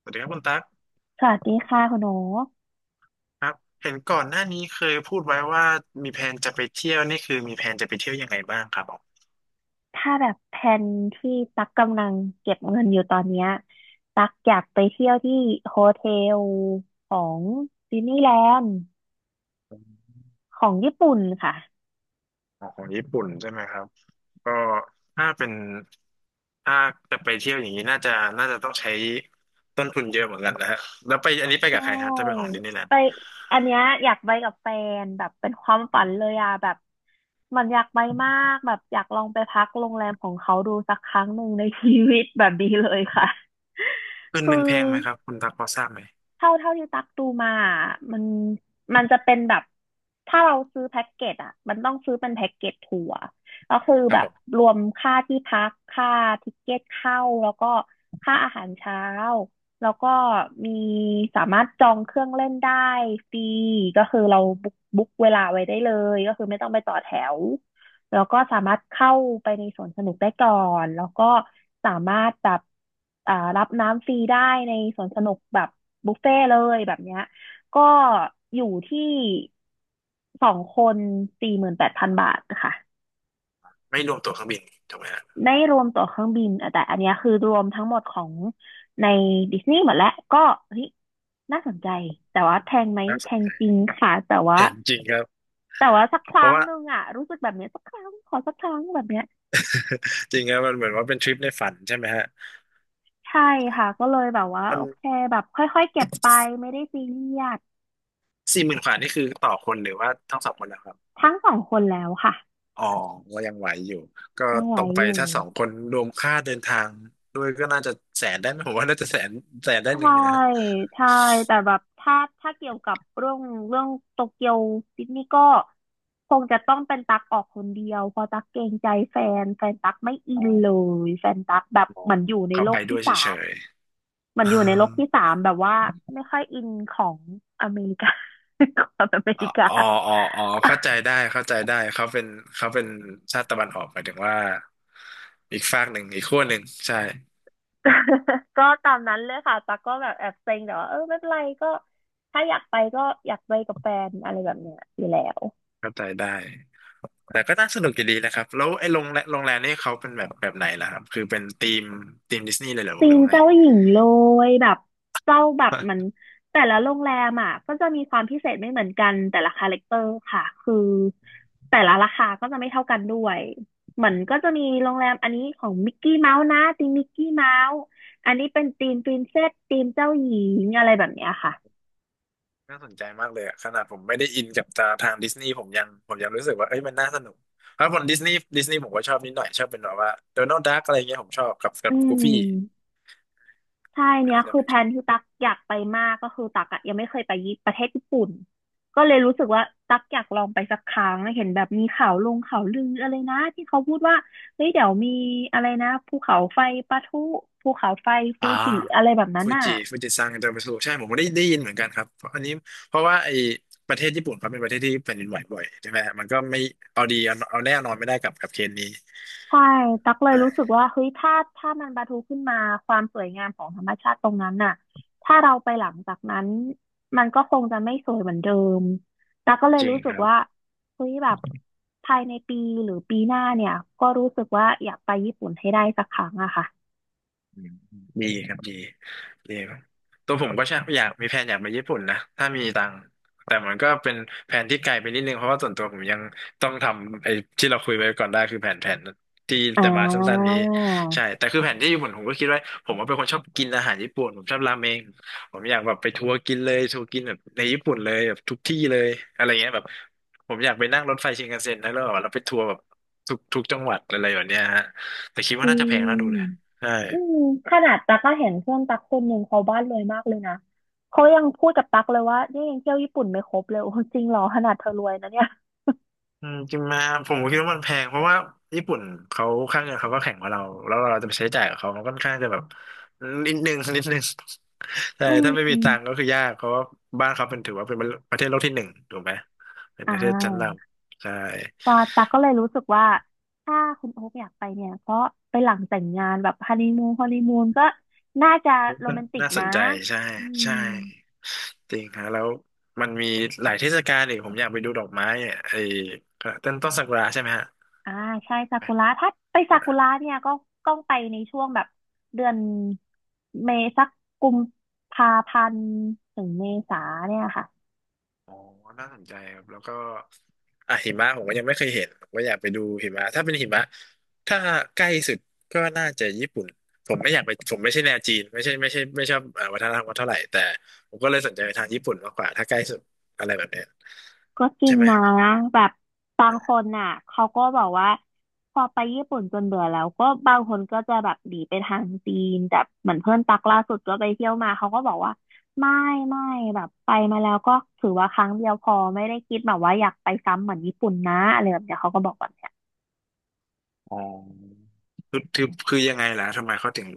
สวัสดีครับคุณตั๊กสวัสดีค่ะคุณโอ๊คครับเห็นก่อนหน้านี้เคยพูดไว้ว่ามีแผนจะไปเที่ยวนี่คือมีแผนจะไปเที่ยวยังไงบ้างครับผมถ้าแบบแผนที่ตักกำลังเก็บเงินอยู่ตอนเนี้ยตักอยากไปเที่ยวที่โฮเทลของดิสนีย์แลนด์ของญี่ปุ่นค่ะของญี่ปุ่นใช่ไหมครับก็ถ้าเป็นถ้าจะไปเที่ยวอย่างนี้น่าจะต้องใช้ต้นทุนเยอะเหมือนกันนะฮะแล้วไปอันนี้ไปใชกับใครฮะจะไปขอ่งดิสนีย์แลนไปด์อันเนี้ยอยากไปกับแฟนแบบเป็นความอืฝันเลมยอะแบบมันอยากไปมากแบบอยากลองไปพักโรงแรมของเขาดูสักครั้งหนึ่งในชีวิตแบบนี้เลยค่ะคืนคือ หนึ่งแพงไหมครับคุณตั๊กพอทราบไหมเท่าที่ตักดูมาอะมันจะเป็นแบบถ้าเราซื้อแพ็กเกจอ่ะมันต้องซื้อเป็นแพ็กเกจทัวร์ก็คือครัแบบบผมรวมค่าที่พักค่าทิเก็ตเข้าแล้วก็ค่าอาหารเช้าแล้วก็มีสามารถจองเครื่องเล่นได้ฟรีก็คือเราบุ๊กเวลาไว้ได้เลยก็คือไม่ต้องไปต่อแถว แล้วก็สามารถเข้าไปในสวนสนุกได้ก่อน แล้วก็สามารถแบบรับน้ำฟรีได้ในสวนสนุกแบบบุฟเฟ่ต์เลยแบบเนี้ยก็อยู่ที่สองคน48,000 บาทค่ะไม่รวมตั๋วเครื่องบินถูกไหมฮะไม่รวมตั๋วเครื่องบินอ่ะแต่อันเนี้ยคือรวมทั้งหมดของในดิสนีย์หมดแล้วก็เฮ้ยน่าสนใจแต่ว่าแพงไหมน่าแพสนงใจจริงค่ะแต่ว่าแพงจริงครับแต่ว่าสักคเพรั้ราะงว่า หนึ่งอ่ะรู้สึกแบบเนี้ยสักครั้งขอสักครั้งแบบเนี้ย จริงครับมันเหมือนว่าเป็นทริปในฝันใช่ไหมฮะใช่ใช่ค่ะก็เลยแบบว่ามัน โอเคแบบค่อยๆเก็บไปไม่ได้ซีเรียส40,000กว่านี่คือต่อคนหรือว่าทั้งสองคนนะครับทั้งสองคนแล้วค่ะอ๋อก็ยังไหวอยู่ก็ยังไหวตกไปอยู่ถ้าสองคนรวมค่าเดินทางด้วยก็น่าจะแสนได้ไหมผมว่าน่าจะแสนได้หนึ่ใช่งอยู่นะฮะใช่แต่แบบถ้าเกี่ยวกับเรื่องโตเกียวดิสนีย์ก็คงจะต้องเป็นตักออกคนเดียวเพราะตักเกรงใจแฟนตักไม่อิอ๋นเลอยแฟนตักแบบอ๋อเหมือนอยู่ในเขาโลไปกด้ที่วยเฉสามยเหมืๆอนอ๋อยู่ในโลกที่สามแบบว่าไม่ค่อยอินของอเมริกา ความอเมอริกา อ๋ออ๋ออ๋อเข้าใจได้เข้าใจได้เขาเป็นชาติตะวันออกหมายถึงว่าอีกฝากหนึ่งอีกขั้วหนึ่งใช่ ก็ตามนั้นเลยค่ะตั๊กก็แบบแอบเซ็งแต่ว่าเออไม่เป็นไรก็ถ้าอยากไปก็อยากไปกับแฟนอะไรแบบเนี้ยอยู่แล้วเข้าใจได้แต่ก็น่าสนุกอยู่ดีนะครับแล้วไอ้โรงแรมนี่เขาเป็นแบบไหนล่ะครับคือเป็นธีมดิสนีย์เลยเหรอธีหรือมว่าไง เจ้าหญิงเลยแบบเจ้าแบบเหมันแต่ละโรงแรมอ่ะก็จะมีความพิเศษไม่เหมือนกันแต่ละคาแรคเตอร์ค่ะคือแต่ละราคาก็จะไม่เท่ากันด้วยเหมือนก็จะมีโรงแรมอันนี้ของมิกกี้เมาส์นะธีมมิกกี้เมาส์อันนี้เป็นธีมปรินเซสธีมเจ้าหญิงอะไรแบบเนี้ยค่ะน่าสนใจมากเลยอะขนาดผมไม่ได้อินกับทางดิสนีย์ผมยังรู้สึกว่าเอ้ยมันน่าสนุกเพราะผมดิสนีย์ผมก็ชอบนิดหน่อยชอบเป็นแบบว่าโดนัลด์ดักอะไรเงี้ยผมชอบกับกัอืบกูฟี่ม ใช่อันเนี้ยนั้นจะคือเป็นแผชอนบที่ตักอยากไปมากก็คือตักอะยังไม่เคยไปญี่ประเทศญี่ปุ่นก็เลยรู้สึกว่าตักอยากลองไปสักครั้งเห็นแบบมีข่าวลงข่าวลืออะไรนะที่เขาพูดว่าเฮ้ยเดี๋ยวมีอะไรนะภูเขาไฟปะทุภูเขาไฟฟูอ่าจิอะไรแบบนั้นอ่ะ ฟูจิซังอินเตอร์มิสูใช่ผมก็ได้ยินเหมือนกันครับเพราะอันนี้เพราะว่าไอ้ประเทศญี่ปุ่นเขาเป็นประเทศที่แผ่นดินไหวบ่อยใช่ไหมฮะมันก็ไม่เอาแน่นอนไม่ได้กับเคสนี้ใช่ตักเลยรู้สึกใช่ว่าเฮ้ยถ้ามันปะทุขึ้นมาความสวยงามของธรรมชาติตรงนั้นน่ะถ้าเราไปหลังจากนั้นมันก็คงจะไม่สวยเหมือนเดิมตักก็เลยจริงรู้สึคกรับ ว่าเฮ้ยแบบภายในปีหรือปีหน้าเนี่ยก็รู้สึกว่าอยากไปญี่ปุ่นให้ได้สักครั้งอะค่ะอืมดีครับดีดีครับตัวผมก็ใช่อยากมีแผนอยากไปญี่ปุ่นนะถ้ามีตังค์แต่มันก็เป็นแผนที่ไกลไปนิดนึงเพราะว่าส่วนตัวผมยังต้องทำไอ้ที่เราคุยไว้ก่อนได้คือแผนที่อ่แต่มาสั้นๆานี้ใช่แต่คือแผนที่ญี่ปุ่นผมก็คิดไว้ผมว่าเป็นคนชอบกินอาหารญี่ปุ่นผมชอบราเมงผมอยากแบบไปทัวร์กินแบบในญี่ปุ่นเลยแบบทุกที่เลยอะไรเงี้ยแบบผมอยากไปนั่งรถไฟชินคันเซ็นแล้วแบบเราไปทัวร์แบบทุกจังหวัดอะไรแบบเนี้ยฮะแต่คิดจว่าริน่าจะแพงน่าดูงเลยใช่ อืมขนาดตักก็เห็นเพื่อนตักคนหนึ่งเขาบ้านรวยมากเลยนะเขายังพูดกับตักเลยว่าเนี่ยยังเที่ยวญี่ปุ่นไม่ครบเลยโอ้จริงเหรอขนาดเธอรวยนะเนี่ยจริงมาผมก็คิดว่ามันแพงเพราะว่าญี่ปุ่นเขาค่าเงินเขาก็แข็งกว่าเราแล้วเราจะไปใช้จ่ายกับเขามันค่อนข้างจะแบบนิดนึงนิดนึง ใช่อืถ้าไม่มีตังค์ก็ม คือยากเพราะว่าบ้านเขาเป็นถือว่าเป็นประเทศโลกที่หนึ่งถูกไหมเป็นอ่ประเทศชั้นนาำใช่ปาตักก็เลยรู้สึกว่า ถ้าคุณโอ๊คอยากไปเนี่ยก็ไปหลังแต่งงานแบบฮันนีมูนฮันนีมูนก็น่าจะโรมันแมนติกน่าสนะนใจใช่อืมใช่จริงฮะแล้วมันมีหลายเทศกาลอีกผมอยากไปดูดอกไม้อะไอ้ต้นซากุระใช่ไหมฮะอ่า ใช่ใช่ซาไหมกุระถ้าไปซากุนระเนี่ย ก็ต้องไปในช่วงแบบเดือนเมษาสักกุมภาพันธ์ถึงเมษาเนี่ยค่ะ อ๋อน่าสนใจครับแล้วก็ อ่ะหิมะผมก็ยังไม่เคยเห็นผมก็อยากไปดูหิมะถ้าเป็นหิมะถ้าใกล้สุดก็น่าจะญี่ปุ่นผมไม่อยากไปผมไม่ใช่แนวจีนไม่ใช่ไม่ใช่ไม่ชอบวัฒนธรรมเขาเท่าไหร่แต่ผมก็เลยสนใจไปทางญี่ปุ่นมากกว่าถ้าใกล้สุดอะไรแบบเนี้ยก็จริใช่งไหมนะแบบบางคนน่ะเขาก็บอกว่าพอไปญี่ปุ่นจนเบื่อแล้วก็บางคนก็จะแบบหนีไปทางจีนแต่เหมือนเพื่อนตักล่าสุดก็ไปเที่ยวมาเขาก็บอกว่าไม่ไม่แบบไปมาแล้วก็ถือว่าครั้งเดียวพอไม่ได้คิดแบบว่าอยากไปซ้ำเหมือนญี่ปุ่นนะอะไรแบบเนี้ยเขาก็บอกแบบเนี้ย อ๋อคือยังไงล่ะทำไมเขาถึง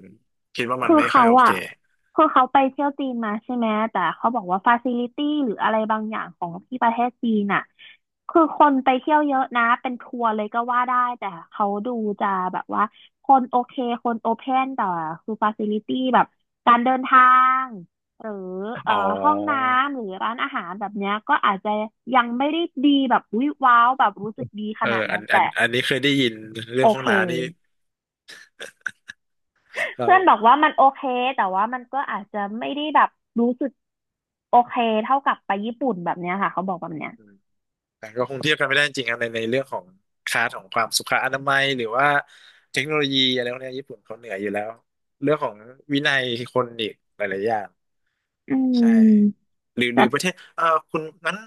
คิดว่ามันคือไม่ค่อเขายโอเคอะคือเขาไปเที่ยวจีนมาใช่ไหมแต่เขาบอกว่าฟาซิลิตี้หรืออะไรบางอย่างของที่ประเทศจีนอะคือคนไปเที่ยวเยอะนะเป็นทัวร์เลยก็ว่าได้แต่เขาดูจะแบบว่าคนโอเคคนโอเพนแต่คือฟาซิลิตี้แบบการเดินทางหรือเอ่อ๋ออห้องน้ำหรือร้านอาหารแบบเนี้ยก็อาจจะยังไม่ได้ดีแบบวิวว้าวแบบรู้สึกดีขเออนาดอันั้นนอัแต่นอันนี้เคยได้ยินเรื่โอองห้อเค งน้ำนี่เรา เพื่อนบอกว่ามันโอเคแต่ว่ามันก็อาจจะไม่ได้แบบรู้สึกโอเคเท่ากับไปญี่ปุ่นแบบเนี้ยค่ะเขาบอกแบบเนี้ยแต่ก็คงเทียบกันไม่ได้จริงๆครับในเรื่องของคลาสของความสุขอนามัยหรือว่าเทคโนโลยีอะไรพวกเนี้ยญี่ปุ่นเขาเหนืออยู่แล้วเรื่องของวินัยคนอีกหลายๆอย่างอืใช่มหรือหแต่รือประเทศคุณนั้น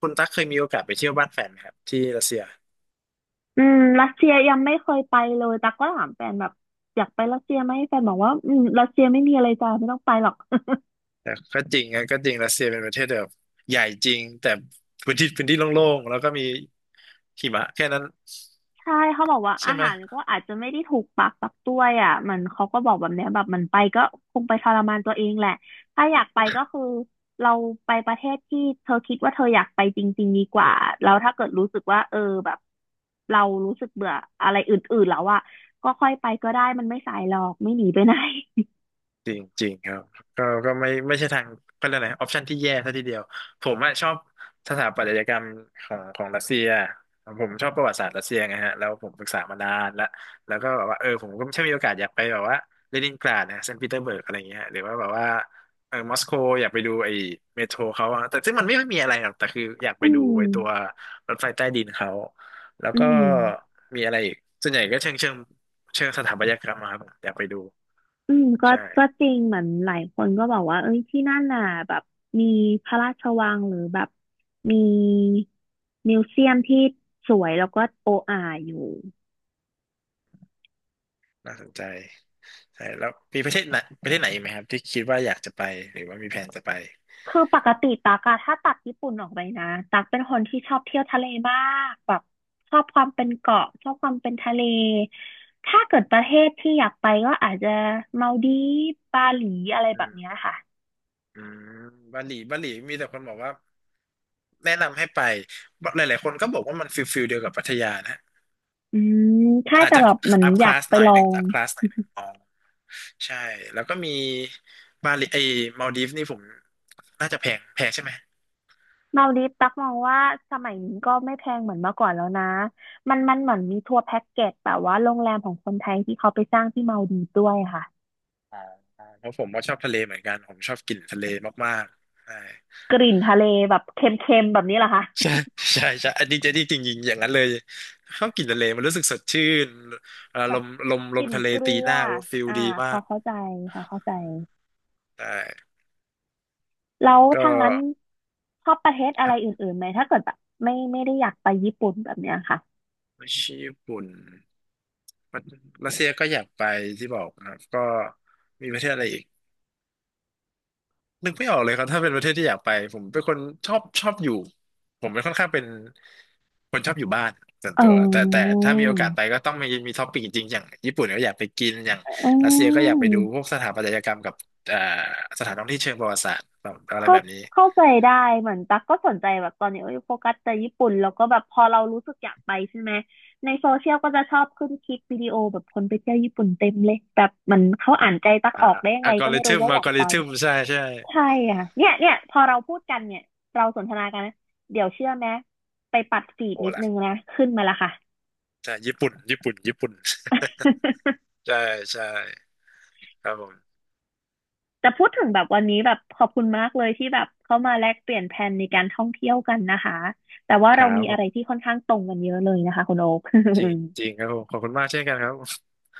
คุณตั๊กเคยมีโอกาสไปเที่ยวบ้านแฟนไหมครับที่รัสเซียอืมรัสเซียยังไม่เคยไปเลยแต่ก็ถามแฟนแบบอยากไปรัสเซียไหมแฟนบอกว่ารัสเซียไม่มีอะไรจ้าไม่ต้องไปหรอก แต่ก็จริงนะก็จริงรัสเซียเป็นประเทศแบบใหญ่จริงแต่พื้นที่โล่งๆแล้วก็มีหิมะแค่นั้นใช่เขาบอกว่าใช่อาไหม หารก็อาจจะไม่ได้ถูกปากปักต้วยอ่ะมันเขาก็บอกแบบเนี้ยแบบมันไปก็คงไปทรมานตัวเองแหละถ้าอยากไปก็คือเราไปประเทศที่เธอคิดว่าเธออยากไปจริงๆดีกว่าแล้วถ้าเกิดรู้สึกว่าแบบเรารู้สึกเบื่ออะไรอื่นๆแล้วอ่ะก็ค่อยไปก็ได้มันไม่สายหรอกไม่หนีไปไหน จริงจริงครับก็ไม่ใช่ทางเขาเรียกอะไรออปชันที่แย่ซะทีเดียวผมอะชอบสถาปัตยกรรมของรัสเซียผมชอบประวัติศาสตร์รัสเซียไงฮะแล้วผมศึกษามานานแล้วแล้วก็แบบว่าเออผมก็ถ้ามีโอกาสอยากไปแบบว่าเลนินกราดนะเซนต์ปีเตอร์เบิร์กอะไรอย่างเงี้ยฮะหรือว่าแบบว่าเออมอสโกอยากไปดูไอ้เมโทรเขาอะแต่ซึ่งมันไม่ค่อยมีอะไรหรอกแต่คืออยาก ไปอืดูมไอ้ตัวรถไฟใต้ดินเขาแล้วอืก็ม มีอะไรอีกส่วนใหญ่ก็เชิงเชิงสถาปัตยกรรมมาครับอยากไปดูอืมก็ใช่ จริงเหมือนหลายคนก็บอกว่าเอ้ยที่นั่นน่ะแบบมีพระราชวังหรือแบบมีมิวเซียมที่สวยแล้วก็โออาอยู่น่าสนใจใช่แล้วมีประเทศไหนประเทศไหนอีกไหมครับที่คิดว่าอยากจะไปหรือว่ามีแผนจะไปคือปกติตักอะถ้าตัดญี่ปุ่นออกไปนะตักเป็นคนที่ชอบเที่ยวทะเลมากแบบชอบความเป็นเกาะชอบความเป็นทะเลถ้าเกิดประเทศที่อยากไปก็อาจจะมาลดีฟบาหลีอะไรอืแบบมเนี้ยค่ะอืมบาหลีบาหลีมีแต่คนบอกว่าแนะนำให้ไปหลายๆคนก็บอกว่ามันฟิลฟิลเดียวกับพัทยานะอืมใช่อาจแต่จะแบบเหมือนอัพอคยากลาสไปหน่อลยอหนึ่งง อัพคลาสหน่อยหนึ่งอ๋อใช่แล้วก็มีบาหลีไอ้มาลดีฟนี่ผมน่าจะแพงแพงใช่ไหมมาลดีฟตักมองว่าสมัยนี้ก็ไม่แพงเหมือนเมื่อก่อนแล้วนะมันเหมือนมีทัวร์แพ็กเกจแบบว่าโรงแรมของคนไทยที่เขาไปสร้างที่มาลดีฟด้วยค่ะอ๋อเพราะผมก็ชอบทะเลเหมือนกันผมชอบกลิ่นทะเลมากๆใช่ กลิ่นทะเลแบบเค็มๆแบบนี้เหรอคะใช่ใช่ใช่อันนี้จะนี่จริงๆอย่างนั้นเลยชอบกลินทะเลมันรู้สึกสดชื่นแบลบมลมกลมลิ่นทะเลเกลืตีอหน้าฟิลอ่าดีพมาอกเข้าใจพอเข้าใจแต่แล้วก็ทางนั้นชอบประเทศคอะไรรับอื่นๆไหมถ้าเกิดแบบไม่ได้อยากไปญี่ปุ่นแบบเนี้ยค่ะไม่ใช่ญี่ปุ่นรัสเซียก็อยากไปที่บอกนะครับก็มีประเทศอะไรอีกนึกไม่ออกเลยครับถ้าเป็นประเทศที่อยากไปผมเป็นคนชอบอยู่ผมเป็นค่อนข้างเป็น คนชอบอยู่บ้านส่วนเอตัวแต่อถ้ามีโอกาสไปก็ต้องมีท็อปปิ้งจริงๆอย่างญี่ปุ่นก็อยากไปกินอย่างอืรัสเซียก็อยากไปดูพวกม สถาปัตยกรรมกับเอ่อสถานท่องเที่ยวเชิงประวัติศาสตร์แบบอะไรเข้าแบบนี้เข้าใจได้เหมือนตั๊กก็สนใจแบบตอนนี้เอ้ยโฟกัสแต่ญี่ปุ่นแล้วก็แบบพอเรารู้สึกอยากไปใช่ไหมในโซเชียลก็จะชอบขึ้นคลิปวิดีโอแบบคนไปเที่ยวญี่ปุ่นเต็มเลยแบบมันเขาอ่านใจตั๊กอ่าออกได้ยังอัไงลกอก็ริไม่ทึรู้มว่าออัลยากกอไปริทึมใช่ใช่ใช่ค่ะเนี่ยเนี่ยพอเราพูดกันเนี่ยเราสนทนากันนะเดี๋ยวเชื่อไหมไปปัดฟีดโอ้นิดล่ะนึงนะขึ้นมาละค่ะ ใช่ญี่ปุ่นญี่ปุ่นญี่ปุ่น ใช่ใช่ครับผมแต่พูดถึงแบบวันนี้แบบขอบคุณมากเลยที่แบบเข้ามาแลกเปลี่ยนแผนในการท่องเที่ยวกันนะคะแต่ว่าคเรารับมีขอะอไรที่บค่อนข้างตรงกันเยอะเลยนะคะคุณโอ๊ค จริงจริงค รับผมขอบคุณมากเช่นกันครับ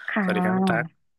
ค่สวัสดีครับคุณตั๊ะก